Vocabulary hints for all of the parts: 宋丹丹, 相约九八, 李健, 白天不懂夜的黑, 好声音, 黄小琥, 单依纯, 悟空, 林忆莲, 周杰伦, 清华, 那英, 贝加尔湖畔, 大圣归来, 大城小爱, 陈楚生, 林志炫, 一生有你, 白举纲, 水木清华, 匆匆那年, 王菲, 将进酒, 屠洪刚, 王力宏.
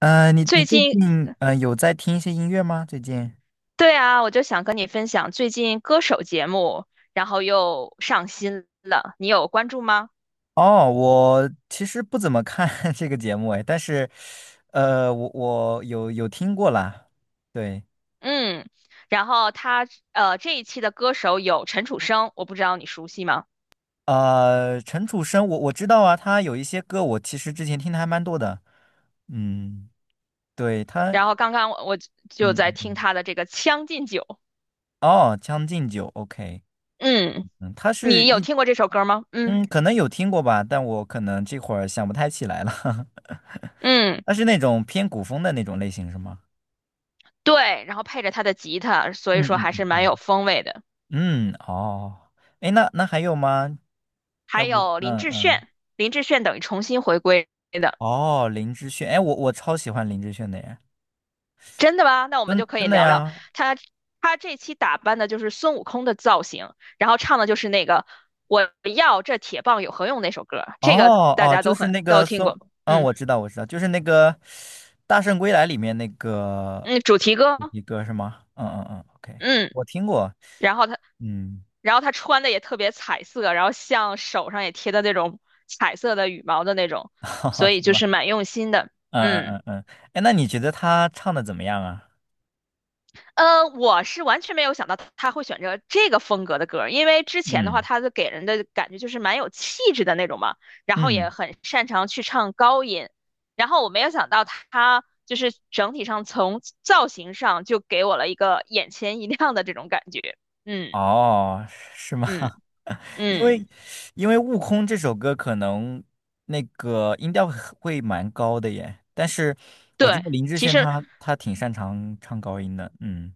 你最最近，近有在听一些音乐吗？最近？对啊，我就想跟你分享最近歌手节目，然后又上新了，你有关注吗？哦，我其实不怎么看 这个节目哎，但是，我有听过啦。对，嗯，然后他这一期的歌手有陈楚生，我不知道你熟悉吗？陈楚生，我知道啊，他有一些歌我其实之前听的还蛮多的。嗯，对他，然后刚刚我就嗯在嗯，听嗯他的这个《将进酒》，哦，《将进酒》，OK,嗯，嗯，他是你有一，听过这首歌吗？嗯嗯，可能有听过吧，但我可能这会儿想不太起来了。嗯，他是那种偏古风的那种类型是吗？对，然后配着他的吉他，所以嗯说嗯还嗯是蛮有风味的。嗯嗯哦，哎，那还有吗？还要不，有林嗯志嗯，炫，林志炫等于重新回归。哦，林志炫，哎，我超喜欢林志炫的耶，真的吗？那我们真就可以真的聊聊呀，他。他这期打扮的就是孙悟空的造型，然后唱的就是那个"我要这铁棒有何用"那首歌，这个哦大哦，家就都是很那都个听松，过。嗯，嗯我知道我知道，就是那个《大圣归来》里面那个嗯，主题歌。主题歌是吗？嗯嗯嗯，OK，嗯，我听过，然后他，嗯，然后他穿的也特别彩色，然后像手上也贴的那种彩色的羽毛的那种，哈哈所以是就是吗？蛮用心的。嗯嗯嗯。嗯嗯，哎，那你觉得他唱的怎么样啊？我是完全没有想到他会选择这个风格的歌儿，因为之前的话，嗯他的给人的感觉就是蛮有气质的那种嘛，然后也嗯，很擅长去唱高音，然后我没有想到他就是整体上从造型上就给我了一个眼前一亮的这种感觉，嗯哦，是吗？嗯 因嗯，为因为《悟空》这首歌可能那个音调很会蛮高的耶，但是我知对，道林志其炫实他挺擅长唱高音的，嗯，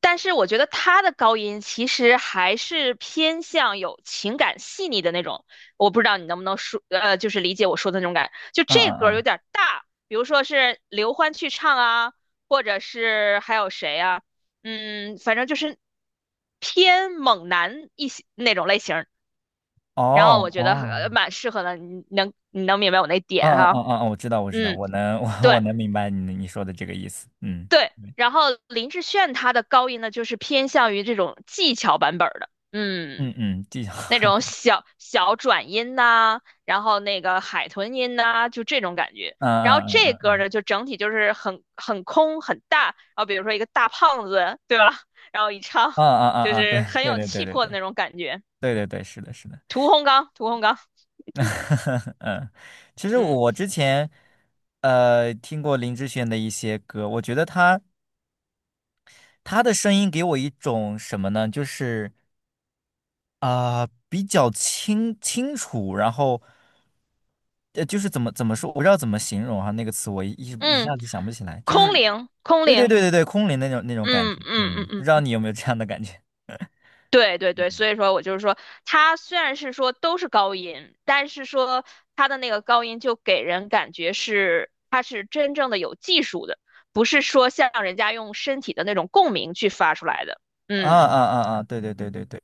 但是我觉得他的高音其实还是偏向有情感细腻的那种，我不知道你能不能说，就是理解我说的那种感。就嗯这歌嗯有嗯，点大，比如说是刘欢去唱啊，或者是还有谁啊，嗯，反正就是偏猛男一些那种类型儿。然后哦我觉得哦，蛮适合的，你能明白我那点嗯嗯哈？嗯嗯，嗯我知道我知道，嗯，我能 我对能明白你说的这个意思，嗯对。然后林志炫他的高音呢，就是偏向于这种技巧版本儿的，嗯。嗯嗯，技巧，那种小小转音呐、然后那个海豚音呐、就这种感觉。嗯然后嗯这嗯嗯歌呢，就整体就是很空很大，然后比如说一个大胖子，对吧？然后一唱嗯嗯就嗯嗯，对是很有对对气对魄的对那种感觉。对对对对，是的是的。屠洪刚，屠洪刚，嗯，其实嗯我之前听过林志炫的一些歌，我觉得他他的声音给我一种什么呢？就是啊、比较清楚，然后呃，就是怎么说，我不知道怎么形容哈、那个词一嗯，下子想不起来，就是空灵，空对对灵，对对对，空灵那种那种感嗯觉，嗯嗯，不嗯知道嗯。你有没有这样的感觉？对对对，所以说我就是说，它虽然是说都是高音，但是说它的那个高音就给人感觉是它是真正的有技术的，不是说像人家用身体的那种共鸣去发出来的。啊嗯啊啊啊，对对对对对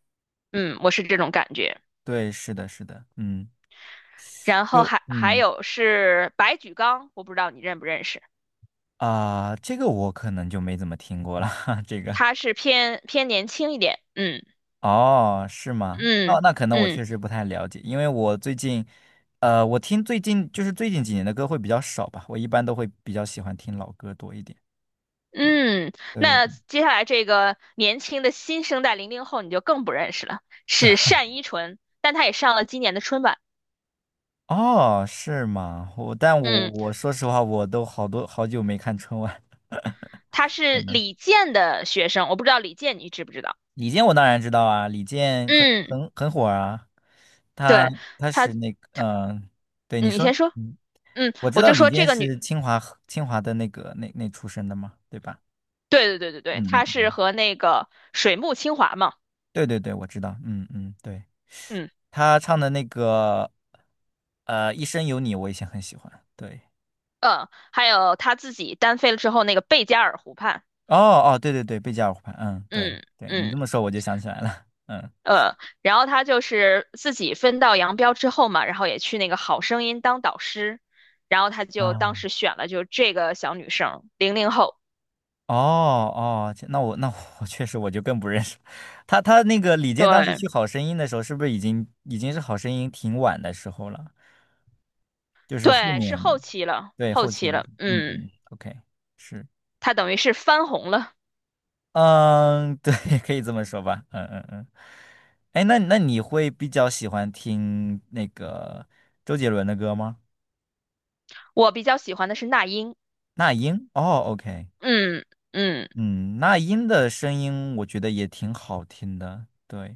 嗯，我是这种感觉。对，是的，是的，嗯，然后就还嗯有是白举纲，我不知道你认不认识，啊、这个我可能就没怎么听过了，哈，这个，他是偏偏年轻一点。嗯哦，是吗？那嗯那可能我嗯。确实不太了解，因为我最近，我听最近就是最近几年的歌会比较少吧，我一般都会比较喜欢听老歌多一点。对嗯，对，那接下来这个年轻的新生代零零后你就更不认识了，是单依纯，但她也上了今年的春晚。哦，是吗？但我嗯，我说实话，我都好多好久没看春晚。她是李健的学生，我不知道李健你知不知道？李健我当然知道啊，李健很嗯，很很火啊，他对，他她，是那个嗯、对你嗯你说，先说。嗯，嗯，我知我道就李说这健个女，是清华清华的那个那出身的嘛，对吧？对对对对对，嗯嗯她是嗯。和那个水木清华嘛。对对对，我知道，嗯嗯，对，嗯他唱的那个《一生有你》，我以前很喜欢。对，嗯，还有她自己单飞了之后那个贝加尔湖畔。哦哦，对对对，贝加尔湖畔，嗯，对嗯对，你嗯。这么说我就想起来了，嗯，呃，然后他就是自己分道扬镳之后嘛，然后也去那个《好声音》当导师，然后他就当时哦选了就这个小女生，零零后，哦哦，这那我那我确实我就更不认识了他，他那个李健当时对去《好声音》的时候，是不是已经是《好声音》挺晚的时候了？就是后对，是后面期了，对后后期期了，了，嗯嗯，嗯，OK，是。她等于是翻红了。嗯，对，可以这么说吧。嗯嗯嗯。哎，那你会比较喜欢听那个周杰伦的歌吗？我比较喜欢的是那英，那英？哦，OK。嗯嗯。嗯，那英的声音我觉得也挺好听的。对，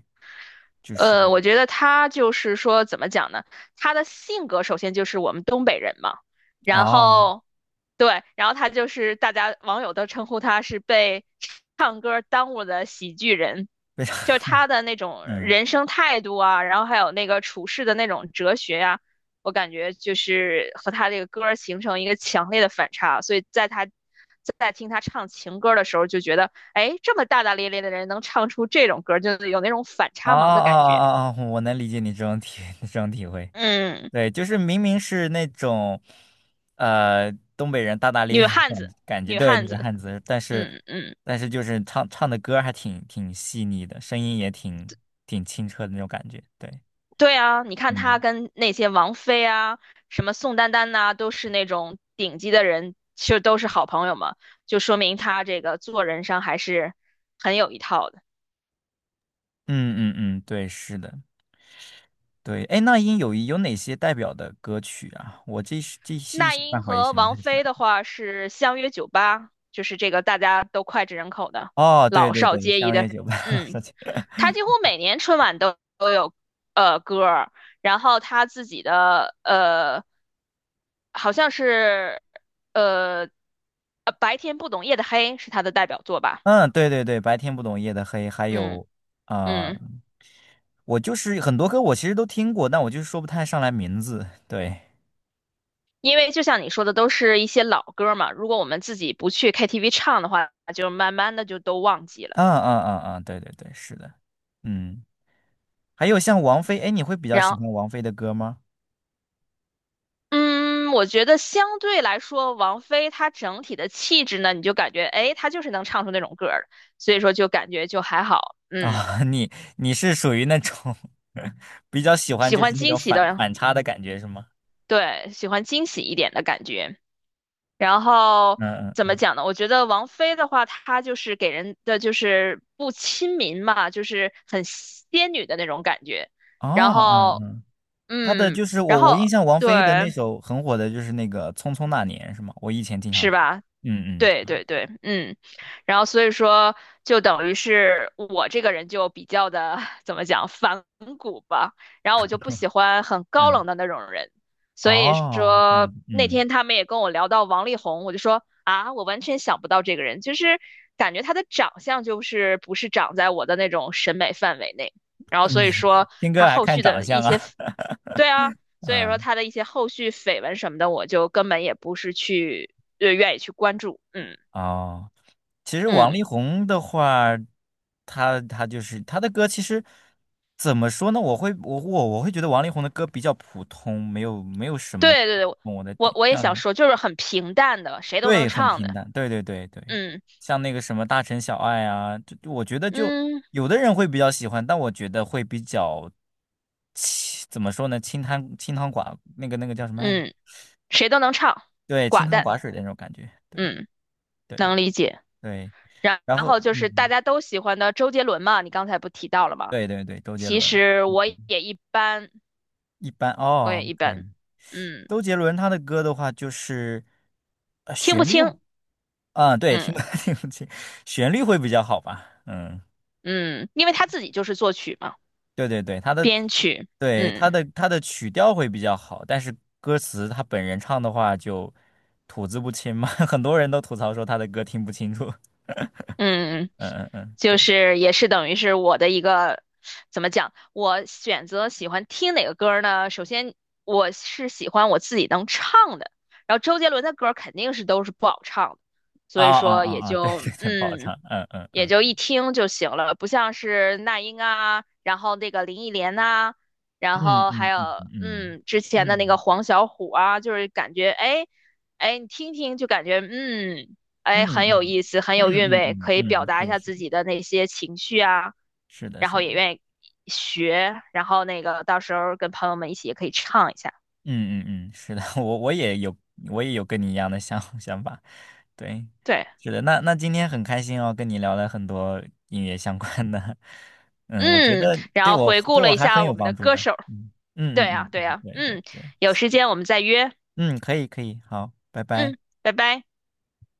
就是我觉得他就是说，怎么讲呢？他的性格首先就是我们东北人嘛，然哦，后对，然后他就是大家网友都称呼他是被唱歌耽误的喜剧人，非常 就是他的那种 嗯。人生态度啊，然后还有那个处事的那种哲学呀、我感觉就是和他这个歌儿形成一个强烈的反差，所以在他在听他唱情歌的时候，就觉得哎，这么大大咧咧的人能唱出这种歌就是有那种反啊差萌的啊感啊觉。啊！啊 我能理解你这种体 这种体会，嗯，对，就是明明是那种，呃，东北人大大咧女咧的汉子，感觉，女对，汉女子。汉子，但是嗯嗯，就是唱的歌儿还挺细腻的，声音也挺清澈的那种感觉，对，对啊，你看她嗯跟那些王菲啊，什么宋丹丹呐、都是那种顶级的人，其实都是好朋友嘛，就说明她这个做人上还是很有一套的。嗯嗯嗯，对，是的，对，哎，那英有哪些代表的歌曲啊？我这是这是一那时半英会儿也和想不王太起来。菲的话是相约酒吧，就是这个大家都脍炙人口的，哦，对老对少对，皆宜相的。约九八，嗯。他几乎每年春晚都有歌儿，然后他自己的好像是呃白天不懂夜的黑是他的代表作吧，嗯，对对对，白天不懂夜的黑，还嗯有啊、嗯，呃我就是很多歌我其实都听过，但我就是说不太上来名字。对，因为就像你说的，都是一些老歌嘛，如果我们自己不去 KTV 唱的话，就慢慢的就都忘记了，嗯嗯嗯嗯，对对对，是的，嗯，还有像王菲，哎，你会比较然后。喜欢王菲的歌吗？嗯，我觉得相对来说，王菲她整体的气质呢，你就感觉，哎，她就是能唱出那种歌儿的所以说就感觉就还好，嗯。啊、你是属于那种 比较喜欢喜就欢是那惊种喜反的，反差的感觉是吗？对，喜欢惊喜一点的感觉。然后嗯怎么嗯，讲呢？我觉得王菲的话，她就是给人的就是不亲民嘛，就是很仙女的那种感觉。然哦后，嗯，她的嗯，就是然我我印后象王菲的对，那首很火的就是那个《匆匆那年》是吗？我以前经常是听，吧？嗯对对对，嗯，然后所以说，就等于是我这个人就比较的 怎么讲反骨吧，然后我就不嗯 喜欢很高 嗯。冷的那种人，所以哦，这样说子，那嗯，天他们也跟我聊到王力宏，我就说啊，我完全想不到这个人，就是感觉他的长相就是不是长在我的那种审美范围内，然后哇所以你 说 听他歌还后看续长的一相些，啊？对啊，所以说嗯，他的一些后续绯闻什么的，我就根本也不是去愿意去关注。嗯哦，其实王嗯，力宏的话，他就是他的歌，其实怎么说呢？我我会觉得王力宏的歌比较普通，没有什么对对对，懂我的我点，我也想嗯，说，就是很平淡的，谁都对，能很唱平的。淡，对对对对，嗯像那个什么大城小爱啊，就我觉得就嗯有的人会比较喜欢，但我觉得会比较清，怎么说呢？清汤寡那个叫什么来着？嗯，谁都能唱，对，清寡汤淡。寡水的那种感觉，对嗯，对对能理解。对，然然然后后就是大嗯，家都喜欢的周杰伦嘛，你刚才不提到了吗？对对对，周杰其伦实我也一般，一般我哦也一，OK，般。嗯，周杰伦他的歌的话就是呃听不旋律，清。嗯，对，听不 嗯 听不清，旋律会比较好吧，嗯，嗯，因为他自己就是作曲嘛，对对对，编曲。嗯。他的曲调会比较好，但是歌词他本人唱的话就吐字不清嘛，很多人都吐槽说他的歌听不清楚，嗯，嗯嗯嗯，就对，是也是等于是我的一个，怎么讲？我选择喜欢听哪个歌儿呢？首先我是喜欢我自己能唱的，然后周杰伦的歌儿肯定是都是不好唱的，啊所以啊说也啊啊，对就对对，不好嗯。唱，嗯嗯也嗯。就一听就行了，不像是那英啊，然后那个林忆莲呐、然嗯后还嗯有嗯嗯嗯之前的那个嗯黄小琥啊，就是感觉哎哎你听听就感觉嗯嗯哎很有意嗯思，很嗯有韵嗯味，嗯可以表嗯，达一是下是自己的那些情绪啊，是的，然是后也的，愿意学，然后那个到时候跟朋友们一起也可以唱一下，嗯嗯嗯，是的，我也有我也有跟你一样的想 想法，对，对，是的，那今天很开心哦，跟你聊了很多音乐相关的，嗯，我觉嗯，得然后回顾对了我一还很下我有们的帮助歌呢，手，嗯嗯对嗯呀、嗯对嗯，呀、对对嗯，对，有行时间我们再约，嗯，可以可以，好，拜拜。嗯，拜拜。